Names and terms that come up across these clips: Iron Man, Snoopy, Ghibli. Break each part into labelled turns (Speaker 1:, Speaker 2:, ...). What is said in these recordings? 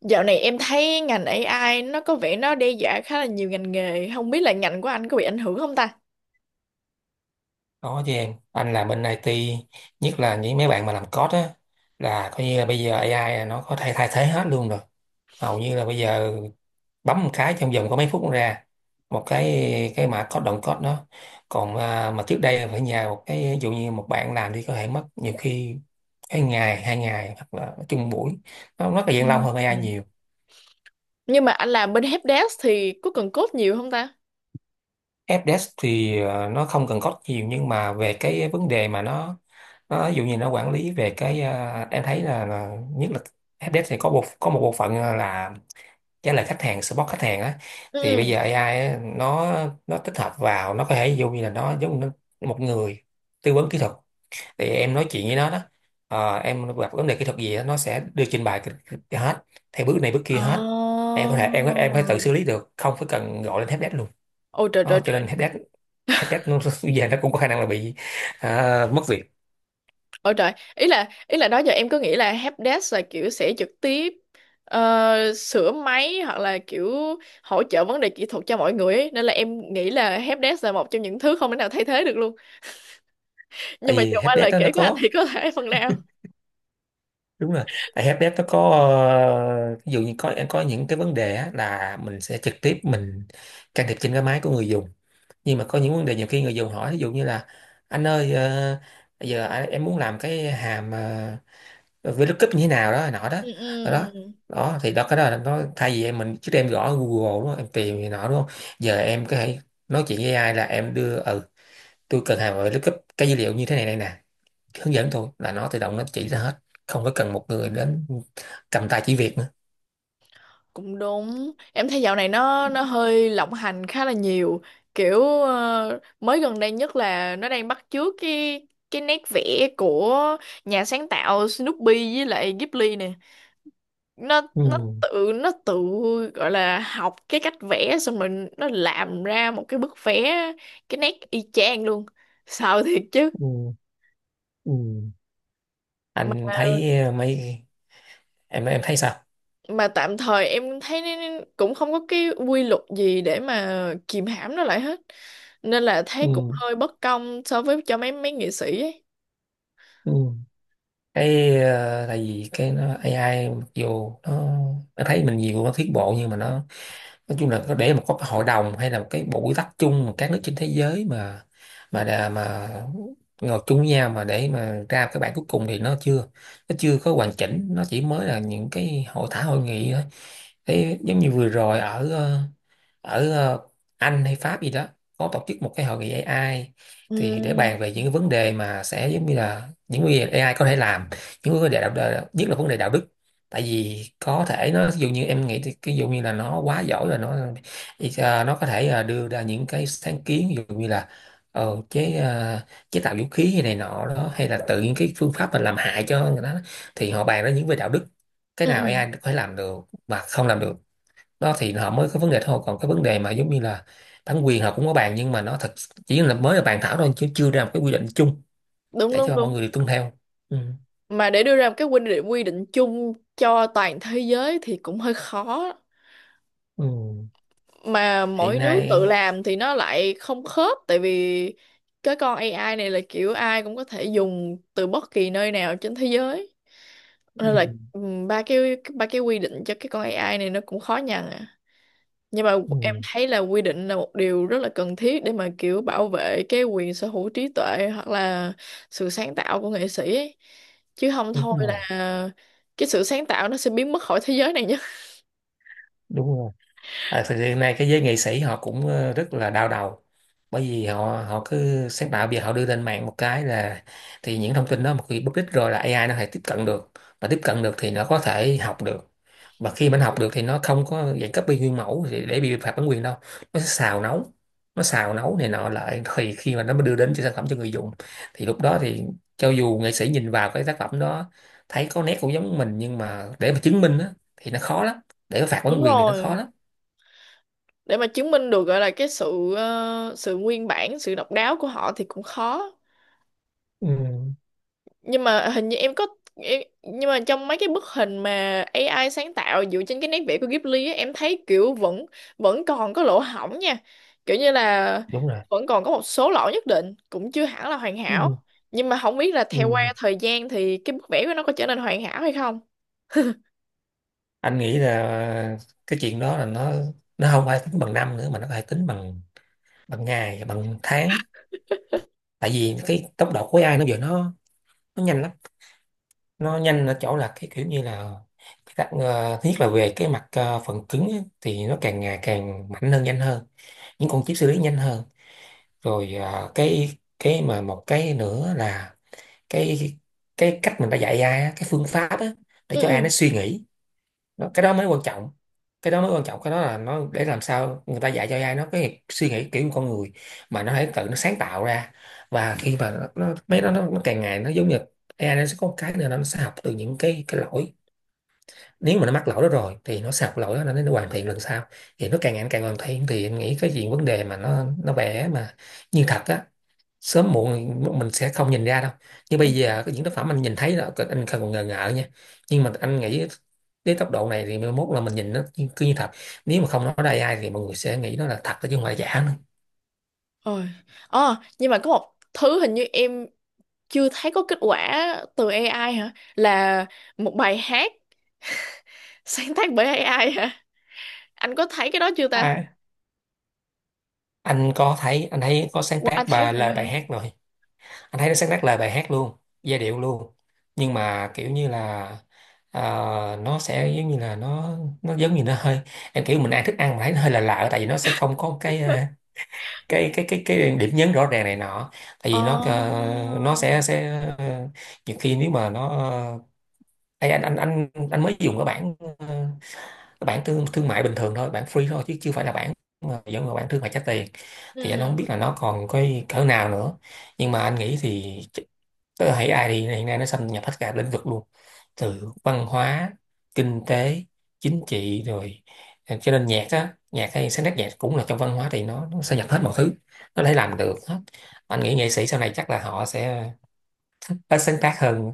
Speaker 1: Dạo này em thấy ngành AI nó có vẻ đe dọa khá là nhiều ngành nghề, không biết là ngành của anh có bị ảnh hưởng không ta?
Speaker 2: Có chứ em, anh làm bên IT, nhất là những mấy bạn mà làm code á, là coi như là bây giờ AI là nó có thể thay thế hết luôn rồi. Hầu như là bây giờ bấm một cái trong vòng có mấy phút nó ra một cái mã code động code đó. Còn à, mà trước đây là phải nhờ một cái ví dụ như một bạn làm đi, có thể mất nhiều khi cái ngày, hai ngày, hoặc là nói chung buổi, nó rất là
Speaker 1: Ừ.
Speaker 2: gian lâu hơn
Speaker 1: Ừ.
Speaker 2: AI nhiều.
Speaker 1: Nhưng mà anh làm bên helpdesk thì có cần code nhiều không ta?
Speaker 2: Fdesk thì nó không cần code nhiều, nhưng mà về cái vấn đề mà nó ví dụ như nó quản lý về cái em thấy là nhất là Fdesk thì có một bộ phận là trả lời khách hàng, support khách hàng á. Thì
Speaker 1: Ừ.
Speaker 2: bây giờ AI á, nó tích hợp vào, nó có thể ví dụ như là nó giống như một người tư vấn kỹ thuật. Thì em nói chuyện với nó đó. Em gặp vấn đề kỹ thuật gì á, nó sẽ đưa trình bày hết, theo bước này bước kia hết.
Speaker 1: Ồ.
Speaker 2: Em có thể em có- Em có thể tự xử lý được, không phải cần gọi lên Fdesk luôn.
Speaker 1: Ôi trời trời
Speaker 2: Đó, cho
Speaker 1: trời.
Speaker 2: nên helpdesk helpdesk nó bây giờ nó cũng có khả năng là bị, à, mất việc.
Speaker 1: Ôi trời. Ý là đó giờ em cứ nghĩ là helpdesk là kiểu sẽ trực tiếp sửa máy hoặc là kiểu hỗ trợ vấn đề kỹ thuật cho mọi người ấy. Nên là em nghĩ là helpdesk là một trong những thứ không thể nào thay thế được luôn. Nhưng
Speaker 2: Tại
Speaker 1: mà
Speaker 2: vì
Speaker 1: giờ qua lời
Speaker 2: helpdesk đó nó
Speaker 1: kể của anh
Speaker 2: có,
Speaker 1: thì có thể phần nào.
Speaker 2: đúng rồi, tại helpdesk nó có ví dụ như có những cái vấn đề á, là mình sẽ trực tiếp mình can thiệp trên cái máy của người dùng. Nhưng mà có những vấn đề nhiều khi người dùng hỏi, ví dụ như là anh ơi bây giờ em muốn làm cái hàm VLOOKUP như thế nào đó nọ đó,
Speaker 1: Ừ.
Speaker 2: đó đó.
Speaker 1: Ừ.
Speaker 2: Đó, thì đó cái đó là nó, thay vì em, mình trước đây em gõ Google đúng không? Em tìm này nọ đúng không, giờ em có thể nói chuyện với AI là em đưa, ừ, tôi cần hàng về lookup cái dữ liệu như thế này này nè, hướng dẫn tôi, là nó tự động nó chỉ ra hết, không có cần một người đến cầm tay chỉ việc nữa.
Speaker 1: Cũng đúng, em thấy dạo này nó hơi lộng hành khá là nhiều, kiểu mới gần đây nhất là nó đang bắt chước cái nét vẽ của nhà sáng tạo Snoopy với lại Ghibli nè. nó
Speaker 2: Ừ,
Speaker 1: nó tự nó tự gọi là học cái cách vẽ, xong rồi nó làm ra một cái bức vẽ cái nét y chang luôn, sợ thiệt chứ.
Speaker 2: ừ, ừ.
Speaker 1: mà
Speaker 2: Anh thấy mấy, em thấy sao?
Speaker 1: mà tạm thời em thấy nó cũng không có cái quy luật gì để mà kìm hãm nó lại hết, nên là thấy cũng
Speaker 2: Ừ,
Speaker 1: hơi bất công so với cho mấy mấy nghệ sĩ ấy.
Speaker 2: ừ. Cái tại vì cái nó AI mặc dù nó thấy mình nhiều nó tiến bộ, nhưng mà nó nói chung là, có để mà có cái hội đồng hay là một cái bộ quy tắc chung mà các nước trên thế giới, mà mà ngồi chung với nhau mà để mà ra cái bản cuối cùng, thì nó chưa, nó chưa có hoàn chỉnh, nó chỉ mới là những cái hội thảo hội nghị thôi. Thế giống như vừa rồi ở ở ờ, Anh hay Pháp gì đó có tổ chức một cái hội nghị AI, thì để
Speaker 1: Ừ.
Speaker 2: bàn về những cái vấn đề mà sẽ giống như là những vấn đề AI có thể làm, những vấn đề đạo đạo- nhất là vấn đề đạo đức. Tại vì có thể nó, ví dụ như em nghĩ thì ví dụ như là nó quá giỏi rồi, nó có thể đưa ra những cái sáng kiến, ví dụ như là ờ, chế ờ, chế tạo vũ khí hay này nọ đó, hay là tự những cái phương pháp mà làm hại cho người đó. Thì họ bàn ra những về đạo đức, cái
Speaker 1: Ừ.
Speaker 2: nào
Speaker 1: Ừ.
Speaker 2: AI có thể làm được mà không làm được. Đó thì họ mới có vấn đề thôi, còn cái vấn đề mà giống như là bản quyền họ cũng có bàn, nhưng mà nó thật, chỉ là mới là bàn thảo thôi, chứ chưa ra một cái quy định chung
Speaker 1: Đúng
Speaker 2: để
Speaker 1: đúng
Speaker 2: cho mọi
Speaker 1: đúng.
Speaker 2: người được tuân theo. Ừ.
Speaker 1: Mà để đưa ra một cái quy định chung cho toàn thế giới thì cũng hơi khó,
Speaker 2: Ừ.
Speaker 1: mà
Speaker 2: Hiện
Speaker 1: mỗi nước tự
Speaker 2: nay.
Speaker 1: làm thì nó lại không khớp, tại vì cái con AI này là kiểu ai cũng có thể dùng từ bất kỳ nơi nào trên thế giới,
Speaker 2: Ừ.
Speaker 1: nên là ừm, ba cái ba cái quy định cho cái con AI này nó cũng khó nhằn à. Nhưng mà em
Speaker 2: Ừ.
Speaker 1: thấy là quy định là một điều rất là cần thiết để mà kiểu bảo vệ cái quyền sở hữu trí tuệ hoặc là sự sáng tạo của nghệ sĩ ấy, chứ không
Speaker 2: Đúng
Speaker 1: thôi
Speaker 2: rồi,
Speaker 1: là cái sự sáng tạo nó sẽ biến mất khỏi thế giới này nhé.
Speaker 2: đúng rồi. À, thực hiện nay cái giới nghệ sĩ họ cũng rất là đau đầu, bởi vì họ họ cứ sáng tạo, bây giờ họ đưa lên mạng một cái là, thì những thông tin đó một khi bất ích rồi là AI nó có thể tiếp cận được, và tiếp cận được thì nó có thể học được. Và khi mà nó học được thì nó không có dạng copy nguyên mẫu thì để bị phạt bản quyền đâu, nó sẽ xào nấu. Nó xào nấu này nọ lại, thì khi mà nó mới đưa đến cho sản phẩm cho người dùng, thì lúc đó thì cho dù nghệ sĩ nhìn vào cái tác phẩm đó thấy có nét cũng giống mình, nhưng mà để mà chứng minh á, thì nó khó lắm, để phạt bản
Speaker 1: Đúng
Speaker 2: quyền thì nó khó
Speaker 1: rồi,
Speaker 2: lắm.
Speaker 1: để mà chứng minh được gọi là cái sự sự nguyên bản, sự độc đáo của họ thì cũng khó.
Speaker 2: Ừ,
Speaker 1: Nhưng mà hình như nhưng mà trong mấy cái bức hình mà AI sáng tạo dựa trên cái nét vẽ của Ghibli á, em thấy kiểu vẫn vẫn còn có lỗ hổng nha, kiểu như là
Speaker 2: đúng rồi.
Speaker 1: vẫn còn có một số lỗi nhất định, cũng chưa hẳn là hoàn hảo.
Speaker 2: Ừ,
Speaker 1: Nhưng mà không biết là theo qua
Speaker 2: ừ.
Speaker 1: thời gian thì cái bức vẽ của nó có trở nên hoàn hảo hay không.
Speaker 2: Anh nghĩ là cái chuyện đó là nó không phải tính bằng năm nữa, mà nó phải tính bằng, bằng ngày bằng tháng. Tại vì cái tốc độ của AI nó giờ nó nhanh lắm. Nó nhanh ở chỗ là cái kiểu như là, thứ nhất là về cái mặt phần cứng á, thì nó càng ngày càng mạnh hơn, nhanh hơn, những con chip xử lý nhanh hơn. Rồi cái mà một cái nữa là cái cái cách mình đã dạy AI á, cái phương pháp á, để
Speaker 1: Ừ.
Speaker 2: cho
Speaker 1: Ừ.
Speaker 2: AI nó suy nghĩ. Đó, cái đó mới quan trọng, cái đó mới quan trọng, cái đó là nó để làm sao người ta dạy cho AI nó cái suy nghĩ kiểu con người, mà nó hãy tự nó sáng tạo ra. Và khi mà nó mấy đó nó càng ngày nó giống như, AI nó sẽ có một cái nữa là nó sẽ học từ những cái lỗi. Nếu mà nó mắc lỗi đó rồi thì nó sạc lỗi đó, nó hoàn thiện lần sau. Thì nó càng ngày nó càng hoàn thiện, thì em nghĩ cái gì vấn đề mà nó vẽ mà như thật á, sớm muộn mình sẽ không nhìn ra đâu. Nhưng
Speaker 1: Ừ.
Speaker 2: bây giờ cái những tác phẩm anh nhìn thấy là anh không còn ngờ ngợ nha, nhưng mà anh nghĩ đến tốc độ này thì mai mốt là mình nhìn nó cứ như thật. Nếu mà không nói đây ai thì mọi người sẽ nghĩ nó là thật đó, chứ không phải giả nữa.
Speaker 1: Ôi. Ờ, nhưng mà có một thứ hình như em chưa thấy có kết quả từ AI hả? Là một bài hát sáng tác bởi AI hả? Anh có thấy cái đó chưa ta?
Speaker 2: À, anh có thấy, anh thấy có sáng
Speaker 1: Ủa, anh
Speaker 2: tác
Speaker 1: thấy
Speaker 2: bài
Speaker 1: rồi
Speaker 2: lời
Speaker 1: hả?
Speaker 2: bài hát rồi. Anh thấy nó sáng tác lời bài hát luôn, giai điệu luôn, nhưng mà kiểu như là ờ, nó sẽ giống như là nó giống như nó hơi, em kiểu mình ăn thức ăn mà thấy nó hơi là lạ lạ, tại vì nó sẽ không có cái cái điểm nhấn rõ ràng này nọ. Tại
Speaker 1: Ồ.
Speaker 2: vì nó nó sẽ ờ, nhiều khi nếu mà nó Ê, anh mới dùng cái bản cái bản thương thương mại bình thường thôi, bản free thôi, chứ chưa phải là bản mà giống như bản thương mại trả tiền. Thì anh không
Speaker 1: Ừ.
Speaker 2: biết là nó còn cái cỡ nào nữa, nhưng mà anh nghĩ thì, tức là thấy AI thì hiện nay nó xâm nhập hết cả lĩnh vực luôn, từ văn hóa, kinh tế, chính trị rồi. À, cho nên nhạc á, nhạc hay sáng tác nhạc cũng là trong văn hóa, thì nó xâm nhập hết mọi thứ, nó có thể làm được hết. Anh nghĩ nghệ sĩ sau này chắc là họ sẽ ít sáng tác hơn,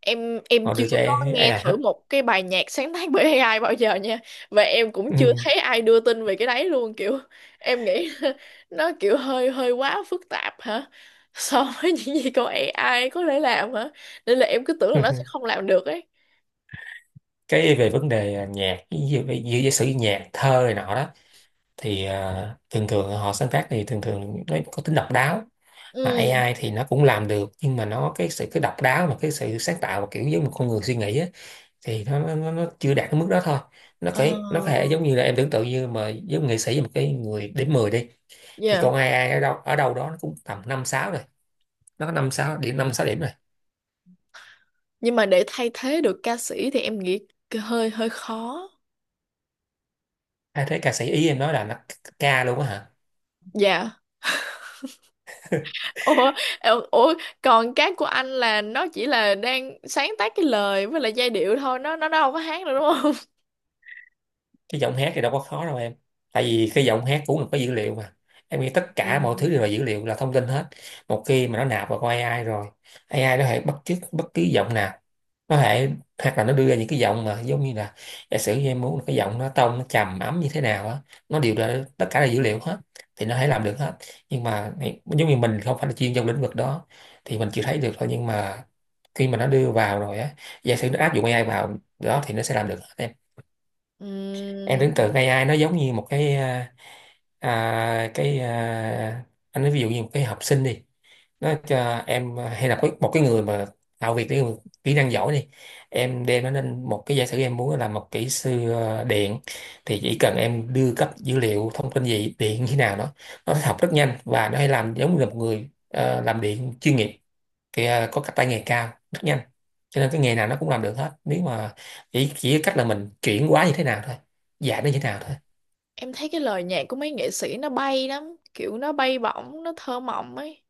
Speaker 1: Em
Speaker 2: họ
Speaker 1: chưa
Speaker 2: đưa cho
Speaker 1: có
Speaker 2: AI
Speaker 1: nghe thử
Speaker 2: hết.
Speaker 1: một cái bài nhạc sáng tác bởi AI bao giờ nha. Và em cũng
Speaker 2: Ừ.
Speaker 1: chưa thấy ai đưa tin về cái đấy luôn, kiểu em nghĩ nó kiểu hơi hơi quá phức tạp hả? So với những gì con AI có thể làm hả? Nên là em cứ tưởng là nó sẽ không làm được ấy.
Speaker 2: Về vấn đề nhạc giả sử như nhạc thơ này nọ đó thì thường thường họ sáng tác thì thường thường nó có tính độc đáo. Mà
Speaker 1: Ừ.
Speaker 2: AI thì nó cũng làm được, nhưng mà nó cái sự độc đáo và cái sự sáng tạo và kiểu giống một con người suy nghĩ á, thì nó chưa đạt đến mức đó thôi. nó
Speaker 1: Ờ.
Speaker 2: cái nó có thể giống như là em tưởng tượng như mà giống nghệ sĩ một cái người điểm 10 đi, thì
Speaker 1: Yeah.
Speaker 2: con AI ở đâu đó nó cũng tầm năm sáu rồi, nó có năm sáu điểm, năm sáu điểm rồi.
Speaker 1: Nhưng mà để thay thế được ca sĩ thì em nghĩ hơi hơi khó.
Speaker 2: Ai thấy ca sĩ ý, em nói là nó ca luôn á hả?
Speaker 1: Dạ. Ủa. Ủa, còn cái của anh là nó chỉ là đang sáng tác cái lời với lại giai điệu thôi, nó đâu có hát được đúng không?
Speaker 2: Cái giọng hát thì đâu có khó đâu em, tại vì cái giọng hát cũng là có dữ liệu mà. Em nghĩ tất cả mọi thứ đều là
Speaker 1: Ừm.
Speaker 2: dữ liệu, là thông tin hết. Một khi mà nó nạp vào con AI rồi, AI nó có thể bắt chước bất cứ giọng nào, nó lại hoặc là nó đưa ra những cái giọng mà giống như là giả sử như em muốn là cái giọng nó tông nó trầm ấm như thế nào á, nó đều là tất cả là dữ liệu hết thì nó thể làm được hết. Nhưng mà giống như mình không phải là chuyên trong lĩnh vực đó thì mình chưa thấy được thôi, nhưng mà khi mà nó đưa vào rồi á, giả sử nó áp dụng AI vào đó thì nó sẽ làm được hết em. Em tưởng tượng
Speaker 1: Ừm,
Speaker 2: AI nó giống như một cái à, à, cái à, anh nói ví dụ như một cái học sinh đi, nó cho em hay là có một cái người mà tạo việc cái người kỹ năng giỏi đi, em đem nó lên một cái giả sử em muốn làm một kỹ sư điện, thì chỉ cần em đưa cấp dữ liệu thông tin gì điện như thế nào đó, nó học rất nhanh và nó hay làm giống như là một người làm điện chuyên nghiệp, thì có cái tay nghề cao rất nhanh. Cho nên cái nghề nào nó cũng làm được hết nếu mà chỉ cách là mình chuyển hóa như thế nào thôi, dạy nó như thế nào thôi.
Speaker 1: em thấy cái lời nhạc của mấy nghệ sĩ nó bay lắm, kiểu nó bay bổng, nó thơ mộng ấy.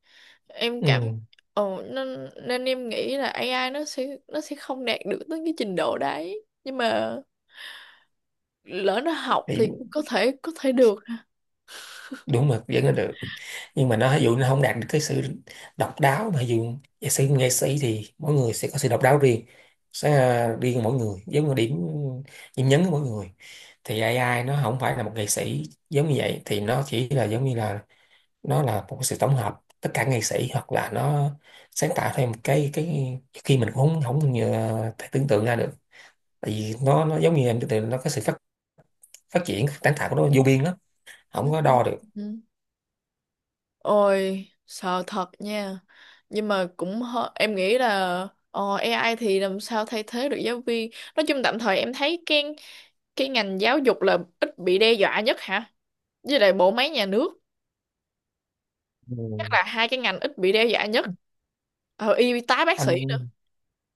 Speaker 1: Em cảm
Speaker 2: Ừ.
Speaker 1: Ồ, nên nên em nghĩ là AI nó sẽ không đạt được tới cái trình độ đấy, nhưng mà lỡ nó học
Speaker 2: Thì
Speaker 1: thì có thể được.
Speaker 2: đúng mà vẫn là được, nhưng mà nó ví dụ nó không đạt được cái sự độc đáo, mà ví dụ nghệ sĩ thì mỗi người sẽ có sự độc đáo riêng, sẽ riêng mỗi người, giống như điểm điểm nhấn của mỗi người. Thì AI nó không phải là một nghệ sĩ giống như vậy, thì nó chỉ là giống như là nó là một sự tổng hợp tất cả nghệ sĩ, hoặc là nó sáng tạo thêm một cái khi mình cũng không không nhờ- thể tưởng tượng ra được. Tại vì nó giống như em tưởng tượng nó có sự phát phát triển sáng tạo của nó vô biên lắm, không có đo được.
Speaker 1: Ừm. Ôi, sợ thật nha. Nhưng mà cũng em nghĩ là AI thì làm sao thay thế được giáo viên. Nói chung tạm thời em thấy cái ngành giáo dục là ít bị đe dọa nhất hả? Với lại bộ máy nhà nước, chắc
Speaker 2: Ừ.
Speaker 1: là hai cái ngành ít bị đe dọa nhất. Ờ, y tá bác sĩ nữa.
Speaker 2: anh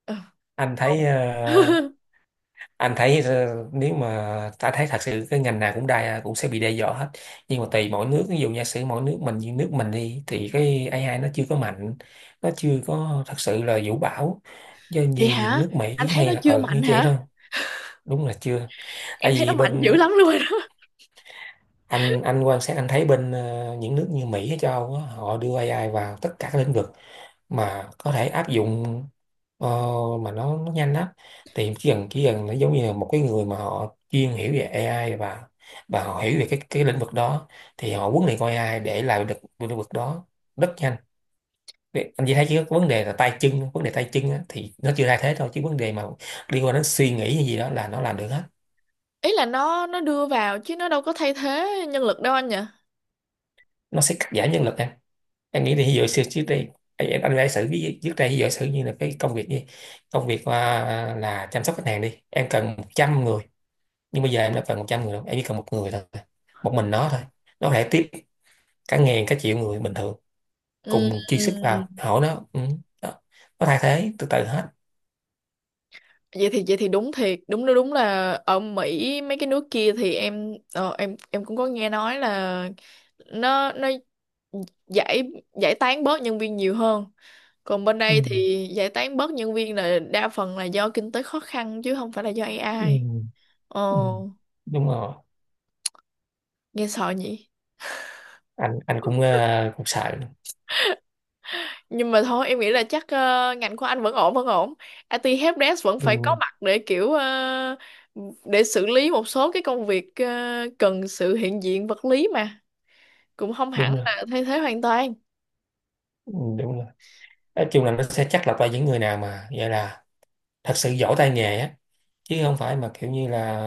Speaker 1: Ờ,
Speaker 2: anh thấy
Speaker 1: còn-
Speaker 2: nếu mà ta thấy thật sự cái ngành nào cũng sẽ bị đe dọa hết, nhưng mà tùy mỗi nước, ví dụ giả sử mỗi nước mình, như nước mình đi thì cái AI nó chưa có mạnh, nó chưa có thật sự là vũ bão, do như
Speaker 1: Vậy
Speaker 2: những
Speaker 1: hả?
Speaker 2: nước Mỹ
Speaker 1: Anh thấy nó
Speaker 2: hay là
Speaker 1: chưa
Speaker 2: ở như
Speaker 1: mạnh
Speaker 2: vậy thôi.
Speaker 1: hả?
Speaker 2: Đúng là chưa. Tại
Speaker 1: Em thấy nó
Speaker 2: vì
Speaker 1: mạnh dữ
Speaker 2: bên
Speaker 1: lắm luôn rồi đó.
Speaker 2: anh quan sát, anh thấy bên những nước như Mỹ hay châu Âu á, họ đưa AI vào tất cả các lĩnh vực mà có thể áp dụng, ờ, mà nó nhanh lắm. Thì chỉ cần nó giống như là một cái người mà họ chuyên hiểu về AI, và họ hiểu về cái lĩnh vực đó, thì họ huấn luyện con AI để làm được cái lĩnh vực đó rất nhanh. Vậy anh chỉ thấy chỉ có vấn đề là tay chân, vấn đề tay chân á, thì nó chưa thay thế thôi, chứ vấn đề mà liên quan đến suy nghĩ hay gì đó là nó làm được hết.
Speaker 1: Ý là nó đưa vào chứ nó đâu có thay thế nhân lực đâu anh nhỉ?
Speaker 2: Nó sẽ cắt giảm nhân lực em nghĩ thì ví dụ xưa trước đây, anh giả sử trước đây ví dụ sử như là cái công việc gì, công việc là chăm sóc khách hàng đi, em cần 100 người, nhưng bây giờ em đâu cần 100 người đâu, em chỉ cần một người thôi, một mình nó thôi. Nó có thể tiếp cả ngàn cả triệu người bình thường
Speaker 1: Ừ.
Speaker 2: cùng chi sức vào hỏi nó, đó. Nó thay thế từ từ hết.
Speaker 1: Vậy thì đúng thiệt, đúng đúng là ở Mỹ mấy cái nước kia thì em em cũng có nghe nói là nó giải giải tán bớt nhân viên nhiều hơn, còn bên đây
Speaker 2: Ừ.
Speaker 1: thì giải tán bớt nhân viên là đa phần là do kinh tế khó khăn chứ không phải là do AI.
Speaker 2: Ừ.
Speaker 1: Ồ,
Speaker 2: Ừ. Đúng rồi.
Speaker 1: nghe sợ nhỉ.
Speaker 2: Anh cũng cũng sợ.
Speaker 1: Nhưng mà thôi, em nghĩ là chắc ngành của anh vẫn ổn, vẫn ổn. IT helpdesk vẫn
Speaker 2: Ừ.
Speaker 1: phải có mặt để kiểu để xử lý một số cái công việc cần sự hiện diện vật lý, mà cũng không hẳn
Speaker 2: Đúng rồi.
Speaker 1: là thay thế hoàn toàn.
Speaker 2: Ừ. Đúng rồi. Nói chung là nó sẽ chắc lọc ra những người nào mà gọi là thật sự giỏi tay nghề á, chứ không phải mà kiểu như là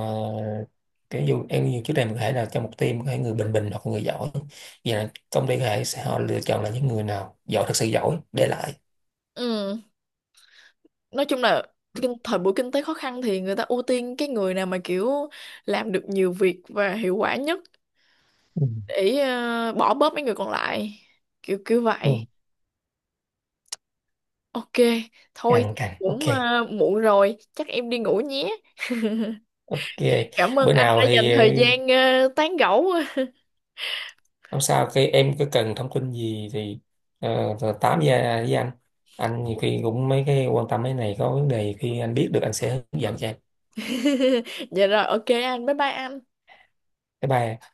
Speaker 2: kiểu dù em nhiều, trước đây mình có thể là trong một team có thể người bình bình hoặc người giỏi, vậy là công ty có thể sẽ họ lựa chọn là những người nào giỏi, thật sự giỏi để lại.
Speaker 1: Ừ. Nói chung là thời buổi kinh tế khó khăn thì người ta ưu tiên cái người nào mà kiểu làm được nhiều việc và hiệu quả nhất,
Speaker 2: Ừ.
Speaker 1: để bỏ bớt mấy người còn lại, kiểu kiểu
Speaker 2: Ừ.
Speaker 1: vậy. Ok. Thôi,
Speaker 2: Càng càng ok.
Speaker 1: cũng muộn rồi, chắc em đi ngủ nhé.
Speaker 2: Ok.
Speaker 1: Cảm ơn
Speaker 2: Bữa
Speaker 1: anh
Speaker 2: nào
Speaker 1: đã dành
Speaker 2: thì
Speaker 1: thời gian tán gẫu.
Speaker 2: không sao, khi em có cần thông tin gì thì rồi tám với anh. Anh nhiều khi cũng mấy cái quan tâm mấy này, có vấn đề khi anh biết được anh sẽ hướng dẫn cho em.
Speaker 1: Dạ rồi, ok, anh, bye bye anh.
Speaker 2: Bye bye.